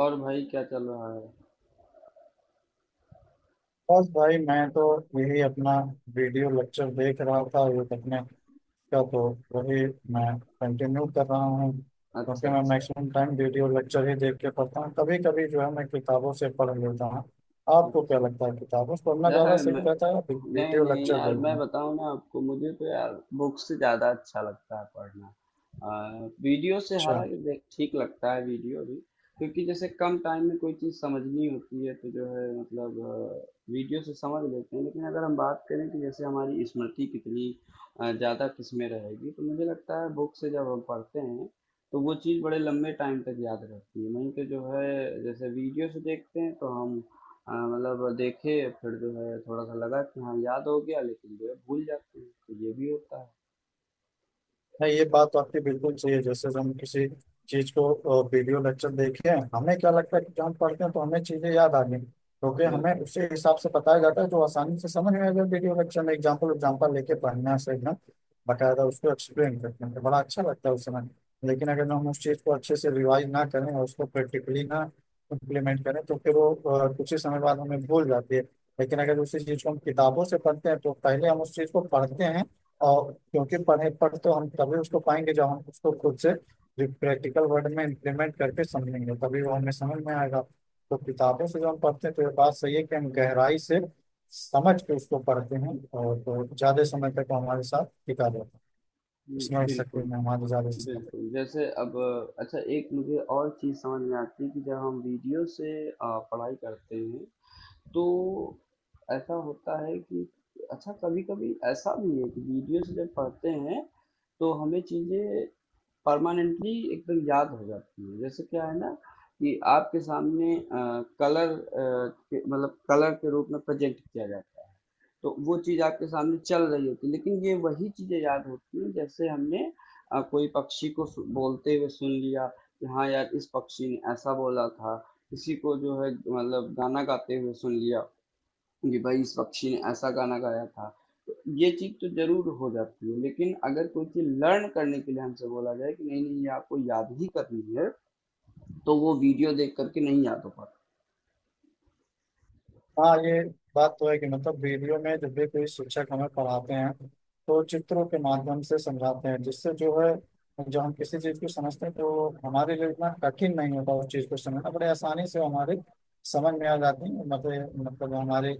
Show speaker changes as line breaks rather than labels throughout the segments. और भाई क्या चल रहा है?
बस भाई मैं तो यही अपना वीडियो लेक्चर देख रहा था। ये तकनीक का तो वही मैं कंटिन्यू कर रहा हूँ
अच्छा,
क्योंकि मैं
अच्छा।
मैक्सिमम टाइम वीडियो लेक्चर ही देख के पढ़ता हूँ। कभी कभी जो है मैं किताबों से पढ़ लेता हूँ। आपको क्या
अच्छा।
लगता है किताबों से पढ़ना
यह
ज़्यादा
है
सही
मैं
रहता है या
नहीं
वीडियो
नहीं
लेक्चर
यार, मैं
देखना?
बताऊँ ना आपको, मुझे तो यार बुक से ज़्यादा अच्छा लगता है पढ़ना। वीडियो से
अच्छा।
हालांकि देख ठीक लगता है वीडियो भी। क्योंकि जैसे कम टाइम में कोई चीज़ समझनी होती है तो जो है मतलब वीडियो से समझ लेते हैं। लेकिन अगर हम बात करें कि जैसे हमारी स्मृति कितनी ज़्यादा किसमें रहेगी, तो मुझे लगता है बुक से जब हम पढ़ते हैं तो वो चीज़ बड़े लंबे टाइम तक याद रहती है। नहीं तो जो है जैसे वीडियो से देखते हैं तो हम, हाँ, मतलब देखे, फिर जो है थोड़ा सा लगा कि हाँ याद हो गया लेकिन जो है भूल जाते हैं, तो ये भी होता है।
नहीं ये बात तो आपकी बिल्कुल सही है। जैसे हम किसी चीज को वीडियो लेक्चर देखे हैं हमें क्या लगता है कि जब हम पढ़ते हैं तो हमें चीजें याद आ गई क्योंकि हमें
बिल्कुल।
उसी हिसाब से बताया जाता है जो आसानी से समझ में आ जाए। वीडियो लेक्चर में एग्जाम्पल एग्जाम्पल लेके पढ़ना से एकदम बकायदा उसको एक्सप्लेन करते हैं तो बड़ा अच्छा लगता है उस समय। लेकिन अगर हम उस चीज को अच्छे से रिवाइज ना करें और उसको प्रैक्टिकली ना इम्प्लीमेंट करें तो फिर वो कुछ ही समय बाद हमें भूल जाती है। लेकिन अगर उसी चीज को हम किताबों से पढ़ते हैं तो पहले हम उस चीज को पढ़ते हैं और क्योंकि पढ़े पढ़ तो हम तभी उसको पाएंगे जब हम उसको खुद से प्रैक्टिकल वर्ड में इम्प्लीमेंट करके समझेंगे तभी वो हमें समझ में आएगा। तो किताबों से जब हम पढ़ते हैं तो ये बात सही है कि हम गहराई से समझ के उसको पढ़ते हैं और तो ज्यादा समय तक वो हमारे साथ टिका रहता है। इसमें शक्ति
बिल्कुल।
में हमारे ज्यादा समय तक।
बिल्कुल जैसे अब, अच्छा, एक मुझे और चीज़ समझ में आती है कि जब हम वीडियो से पढ़ाई करते हैं तो ऐसा होता है कि अच्छा, कभी कभी ऐसा भी है कि वीडियो से जब पढ़ते हैं तो हमें चीज़ें परमानेंटली एकदम याद हो जाती है। जैसे क्या है ना कि आपके सामने कलर, मतलब कलर के रूप में प्रेजेंट किया जाता है, तो वो चीज आपके सामने चल रही होती है। लेकिन ये वही चीजें याद होती हैं जैसे हमने कोई पक्षी को बोलते हुए सुन लिया कि हाँ यार इस पक्षी ने ऐसा बोला था, किसी को जो है मतलब गाना गाते हुए सुन लिया कि भाई इस पक्षी ने ऐसा गाना गाया था। तो ये चीज तो जरूर हो जाती है लेकिन अगर कोई चीज लर्न करने के लिए हमसे बोला जाए कि नहीं नहीं, ये आपको याद ही करनी है, तो वो वीडियो देख करके नहीं याद हो पाता।
हाँ ये बात तो है कि मतलब वीडियो में जब भी कोई शिक्षक हमें पढ़ाते हैं तो चित्रों के माध्यम से समझाते हैं जिससे जो है जब हम किसी चीज को समझते हैं तो हमारे लिए इतना कठिन नहीं होता उस चीज को समझना बड़े आसानी से हमारे समझ में आ जाती है। मतलब हमारे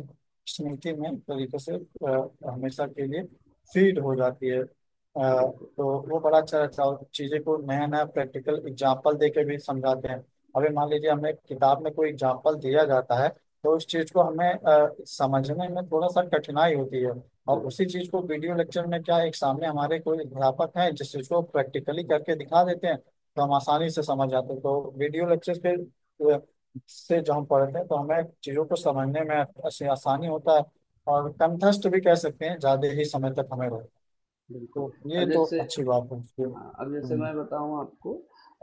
स्मृति में एक तरीके से हमेशा के लिए फीड हो जाती है।
बिल्कुल।
तो वो बड़ा अच्छा रहता है और चीजें को नया नया प्रैक्टिकल एग्जाम्पल दे के भी समझाते हैं। अभी मान लीजिए हमें किताब में कोई एग्जाम्पल दिया जाता है तो उस चीज को हमें समझने में थोड़ा सा कठिनाई होती है। और
हम्म,
उसी चीज को वीडियो लेक्चर में क्या है, एक सामने हमारे कोई अध्यापक हैं जिस चीज को प्रैक्टिकली करके दिखा देते हैं तो हम आसानी से समझ जाते हैं। तो वीडियो लेक्चर के अ, से जो हम पढ़ते हैं तो हमें चीजों को समझने में ऐसे आसानी होता है और कंठस्थ भी कह सकते हैं ज्यादा ही समय तक हमें रहता है।
बिल्कुल।
तो ये
अब
तो
जैसे
अच्छी बात है उसके।
हाँ, अब जैसे
हम्म।
मैं बताऊँ आपको,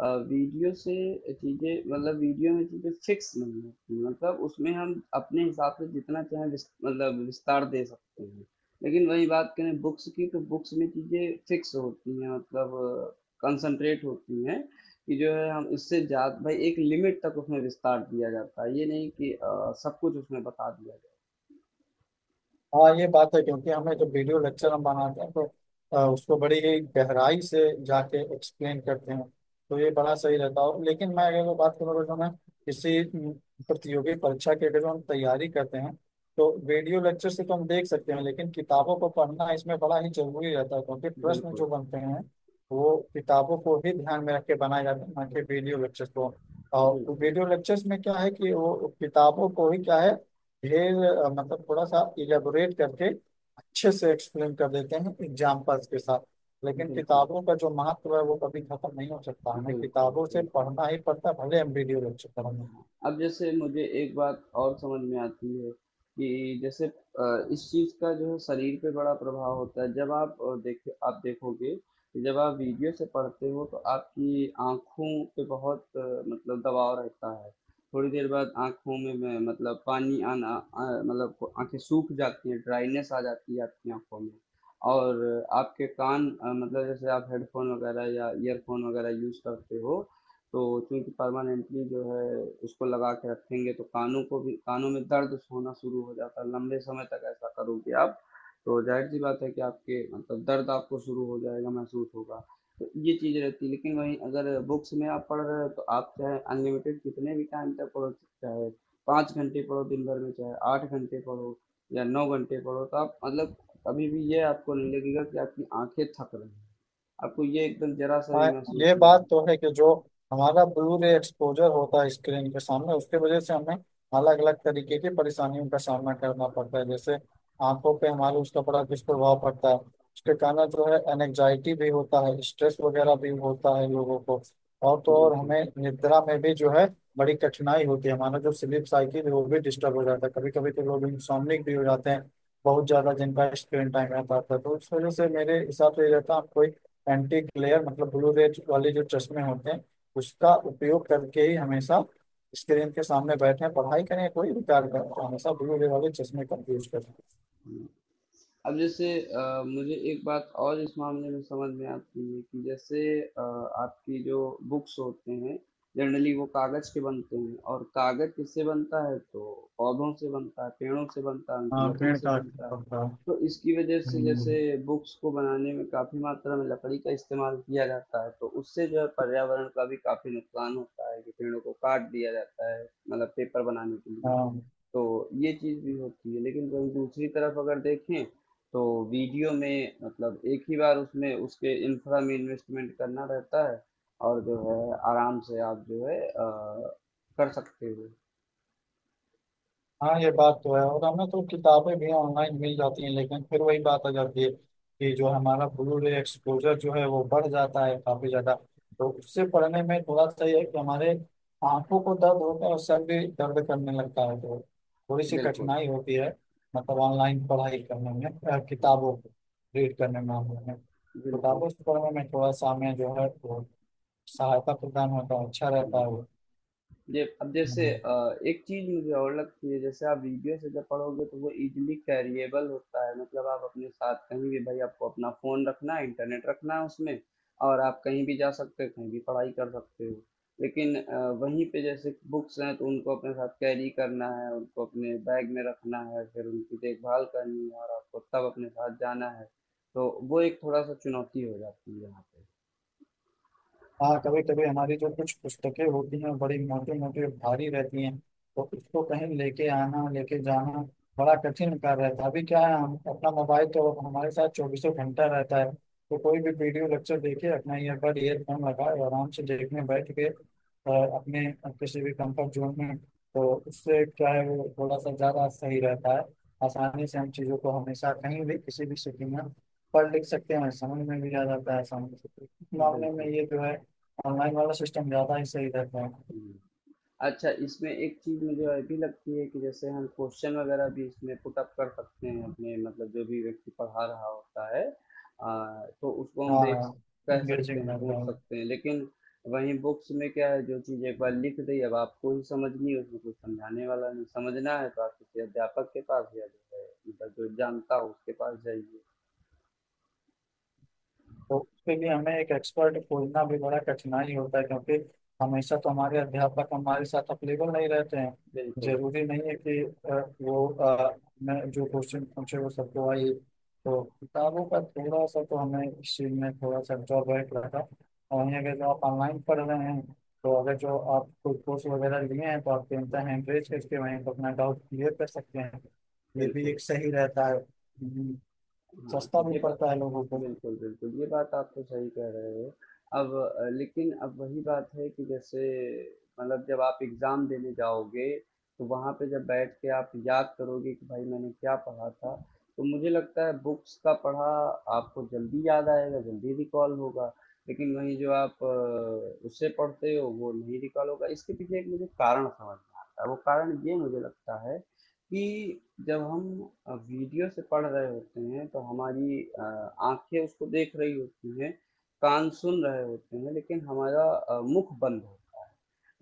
वीडियो से चीज़ें, मतलब वीडियो में चीज़ें फिक्स नहीं होती, मतलब उसमें हम अपने हिसाब से जितना चाहें मतलब विस्तार दे सकते हैं। लेकिन वही बात करें बुक्स की, तो बुक्स में चीज़ें फिक्स होती हैं, मतलब कंसंट्रेट होती हैं कि जो है हम इससे जा भाई एक लिमिट तक उसमें विस्तार दिया जाता है, ये नहीं कि सब कुछ उसमें बता दिया
हाँ ये बात है क्योंकि हमें जब वीडियो लेक्चर हम बनाते हैं तो उसको बड़ी ही गहराई से जाके एक्सप्लेन करते हैं। तो ये बड़ा सही रहता है लेकिन मैं अगर वो बात करूँ जो मैं किसी प्रतियोगी परीक्षा की अगर जो हम तैयारी करते हैं तो वीडियो लेक्चर से तो हम देख सकते हैं लेकिन किताबों को पढ़ना इसमें बड़ा ही जरूरी रहता है क्योंकि
जाए।
प्रश्न
बिल्कुल।
जो बनते हैं वो किताबों को ही ध्यान में रख के बनाए जाते हैं ना कि वीडियो लेक्चर को। और
बिल्कुल
वीडियो लेक्चर्स में क्या है कि वो किताबों को ही क्या है ये मतलब थोड़ा सा इलेबोरेट करके अच्छे से एक्सप्लेन कर देते हैं एग्जाम्पल्स के साथ। लेकिन
बिल्कुल।
किताबों का जो महत्व है वो कभी खत्म नहीं हो सकता, हमें
बिल्कुल
किताबों से
बिल्कुल।
पढ़ना ही पड़ता है भले एमबीडीए लेक्चर पढ़ना।
अब जैसे मुझे एक बात और समझ में आती है कि जैसे इस चीज़ का जो है शरीर पे बड़ा प्रभाव होता है। जब आप अ, देखे आप देखोगे कि जब आप वीडियो से पढ़ते हो तो आपकी आँखों पे बहुत मतलब दबाव रहता है। थोड़ी देर बाद आँखों में मतलब पानी आना, मतलब आँखें सूख जाती हैं, ड्राइनेस आ जाती है आपकी आँखों में। और आपके कान, मतलब जैसे आप हेडफ़ोन वगैरह या ईयरफ़ोन वगैरह यूज़ करते हो, तो चूँकि परमानेंटली जो है उसको लगा के रखेंगे तो कानों को भी कानों में दर्द होना शुरू हो जाता है। लंबे समय तक ऐसा करोगे आप तो जाहिर सी बात है कि आपके मतलब दर्द आपको शुरू हो जाएगा, महसूस होगा। तो ये चीज़ रहती है। लेकिन वहीं अगर बुक्स में आप पढ़ रहे हो तो आप चाहे अनलिमिटेड कितने भी टाइम तक पढ़ो, चाहे पाँच घंटे पढ़ो दिन भर में, चाहे आठ घंटे पढ़ो या नौ घंटे पढ़ो, तो आप मतलब कभी भी ये आपको नहीं लगेगा कि आपकी आंखें थक रही हैं, आपको ये एकदम जरा सा भी
हाँ
महसूस
ये
नहीं
बात तो
होगा।
है कि जो हमारा ब्लू रे एक्सपोजर होता है स्क्रीन के सामने उसके वजह से हमें अलग अलग तरीके की परेशानियों का सामना करना पड़ता है, जैसे आंखों पे हमारे उसका बड़ा दुष्प्रभाव पड़ता है। उसके कारण जो है एनजाइटी भी होता है, स्ट्रेस वगैरह भी होता है लोगों को। और तो और
बिल्कुल।
हमें निद्रा में भी जो है बड़ी कठिनाई होती है, हमारा जो स्लीप साइकिल है वो भी डिस्टर्ब हो जाता है। कभी कभी तो लोग इंसोम्निक भी हो जाते हैं बहुत ज्यादा जिनका स्क्रीन टाइम रहता है। तो उस वजह से मेरे हिसाब से ये रहता है आप कोई एंटी ग्लेयर मतलब ब्लू रेज वाले जो चश्मे होते हैं उसका उपयोग करके ही हमेशा स्क्रीन के सामने बैठे पढ़ाई करें या कोई भी कार्य करें तो हमेशा ब्लू रे वाले चश्मे का यूज करें।
अब जैसे मुझे एक बात और इस मामले में समझ में आती है कि जैसे आपकी जो बुक्स होते हैं जनरली वो कागज के बनते हैं, और कागज किससे बनता है तो पौधों से बनता है, पेड़ों से बनता है, उनकी
हाँ
लकड़ी
पेड़
से
का
बनता है,
पत्ता।
तो इसकी वजह से
हम्म,
जैसे बुक्स को बनाने में काफी मात्रा में लकड़ी का इस्तेमाल किया जाता है तो उससे जो है पर्यावरण का भी काफी नुकसान होता है कि पेड़ों को काट दिया जाता है, मतलब पेपर बनाने के लिए।
हाँ।
तो ये चीज़ भी होती है लेकिन वहीं दूसरी तरफ अगर देखें तो वीडियो में मतलब एक ही बार उसमें उसके इंफ्रा में इन्वेस्टमेंट करना रहता है, और जो है आराम से आप जो है कर सकते हो।
हाँ ये बात तो है, और हमें तो किताबें भी ऑनलाइन मिल जाती हैं लेकिन फिर वही बात आ जाती है कि जो हमारा ब्लू रे एक्सपोजर जो है वो बढ़ जाता है काफी ज्यादा। तो उससे पढ़ने में थोड़ा सा ये है कि हमारे आंखों को दर्द होता है और सर भी दर्द करने लगता है तो थोड़ी सी
बिल्कुल।
कठिनाई होती है मतलब ऑनलाइन पढ़ाई करने में।
हम्म,
किताबों को रीड करने में, हमें
बिल्कुल।
किताबों से पढ़ने में थोड़ा सा हमें जो है वो सहायता प्रदान होता है, अच्छा रहता है
हम्म।
वो।
ये अब जैसे
हम्म।
एक चीज मुझे और लगती है जैसे आप वीडियो से जब पढ़ोगे तो वो इजीली कैरिएबल होता है, मतलब आप अपने साथ कहीं भी, भाई आपको अपना फोन रखना है, इंटरनेट रखना है उसमें, और आप कहीं भी जा सकते हो, कहीं भी पढ़ाई कर सकते हो। लेकिन वहीं पे जैसे बुक्स हैं तो उनको अपने साथ कैरी करना है, उनको अपने बैग में रखना है, फिर उनकी देखभाल करनी है और आपको तब अपने साथ जाना है, तो वो एक थोड़ा सा चुनौती हो जाती है यहाँ पे।
हाँ कभी कभी हमारी जो कुछ पुस्तकें होती हैं बड़ी मोटी मोटी और भारी रहती हैं तो उसको कहीं लेके आना लेके जाना बड़ा कठिन कार्य रहता है। अभी क्या है हम अपना मोबाइल तो हमारे साथ चौबीसों घंटा रहता है तो कोई भी वीडियो लेक्चर देखे, अपना ईयरबड ईयरफोन लगाए आराम से देखने बैठ के, और अपने किसी भी कंफर्ट जोन में, तो उससे क्या है वो थोड़ा सा ज़्यादा सही रहता है। आसानी से हम चीज़ों को हमेशा कहीं भी किसी भी स्थिति में पढ़ लिख सकते हैं, समझ में भी आ जाता है आसानी से। इस मामले में
बिल्कुल।
ये जो है ऑनलाइन वाला सिस्टम ज्यादा ही सही रहता है।
हम्म। अच्छा, इसमें एक चीज़ मुझे और भी लगती है कि जैसे हम क्वेश्चन वगैरह भी इसमें पुट अप कर सकते हैं अपने, मतलब जो भी व्यक्ति पढ़ा रहा होता है, तो उसको हम देख
हाँ
कह सकते
यूजिंग
हैं,
रहता
पूछ
है।
सकते हैं। लेकिन वहीं बुक्स में क्या है, जो चीज़ एक बार लिख दी अब आपको ही समझनी है, उसमें कुछ समझाने वाला नहीं, समझना है तो आप किसी अध्यापक के पास या जो है मतलब जो जानता हो उसके पास जाइए।
तो उसके लिए हमें एक एक्सपर्ट खोजना भी बड़ा कठिनाई होता है क्योंकि हमेशा तो हमारे अध्यापक हमारे साथ अवेलेबल नहीं रहते हैं।
बिल्कुल।
जरूरी नहीं है कि अ, वो मैं जो क्वेश्चन पूछे वो सबको आए। तो किताबों का थोड़ा सा तो हमें इस चीज में थोड़ा सा ड्रॉबैक लगा। और वहीं अगर जो आप ऑनलाइन पढ़ रहे हैं तो अगर जो आप कोई कोर्स वगैरह लिए हैं तो आप चिंता है एंकरेज करके वहीं पर अपना डाउट क्लियर कर सकते हैं। ये भी
बिल्कुल।
एक सही रहता है।
हाँ
सस्ता
तो
भी
ये बात
पड़ता है लोगों को।
बिल्कुल, बिल्कुल, ये बात आप तो सही कह रहे हो। अब, लेकिन अब वही बात है कि जैसे मतलब जब आप एग्ज़ाम देने जाओगे, तो वहाँ पे जब बैठ के आप याद करोगे कि भाई मैंने क्या पढ़ा था, तो मुझे लगता है बुक्स का पढ़ा आपको जल्दी याद आएगा, जल्दी रिकॉल होगा। लेकिन वहीं जो आप उससे पढ़ते हो वो नहीं रिकॉल होगा। इसके पीछे एक मुझे कारण समझ में आता है, वो कारण ये मुझे लगता है कि जब हम वीडियो से पढ़ रहे होते हैं तो हमारी आँखें उसको देख रही होती हैं, कान सुन रहे होते हैं, लेकिन हमारा मुख बंद होता है।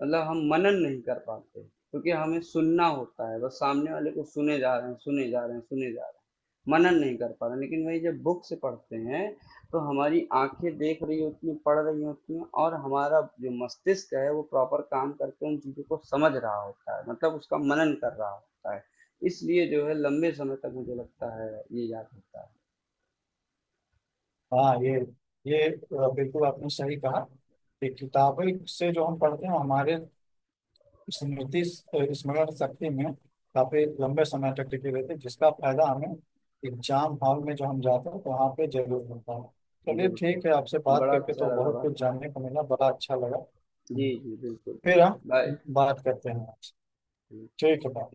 मतलब हम मनन नहीं कर पाते क्योंकि हमें सुनना होता है, बस सामने वाले को सुने जा रहे हैं, सुने जा रहे हैं, सुने जा रहे हैं। मनन नहीं कर पा रहे हैं। लेकिन वही जब बुक से पढ़ते हैं तो हमारी आँखें देख रही होती हैं, पढ़ रही होती हैं और हमारा जो मस्तिष्क है वो प्रॉपर काम करके उन चीज़ों को समझ रहा होता है, मतलब उसका मनन कर रहा होता है। इसलिए जो है लंबे समय तक मुझे लगता है ये याद होता
हाँ ये बिल्कुल आपने सही कहा कि किताबें से जो हम पढ़ते हैं हमारे स्मरण शक्ति में काफी लंबे समय तक टिके रहते हैं जिसका फायदा हमें एग्जाम हॉल में जो हम जाते हैं तो वहाँ पे जरूर मिलता है।
है।
चलिए
बिल्कुल।
ठीक है, आपसे बात
बड़ा
करके
अच्छा
तो
लगा
बहुत कुछ
बात
जानने को मिला, बड़ा अच्छा लगा।
जी जी, बिल्कुल बिल्कुल,
फिर हम
बाय।
बात करते हैं आपसे। ठीक है bye।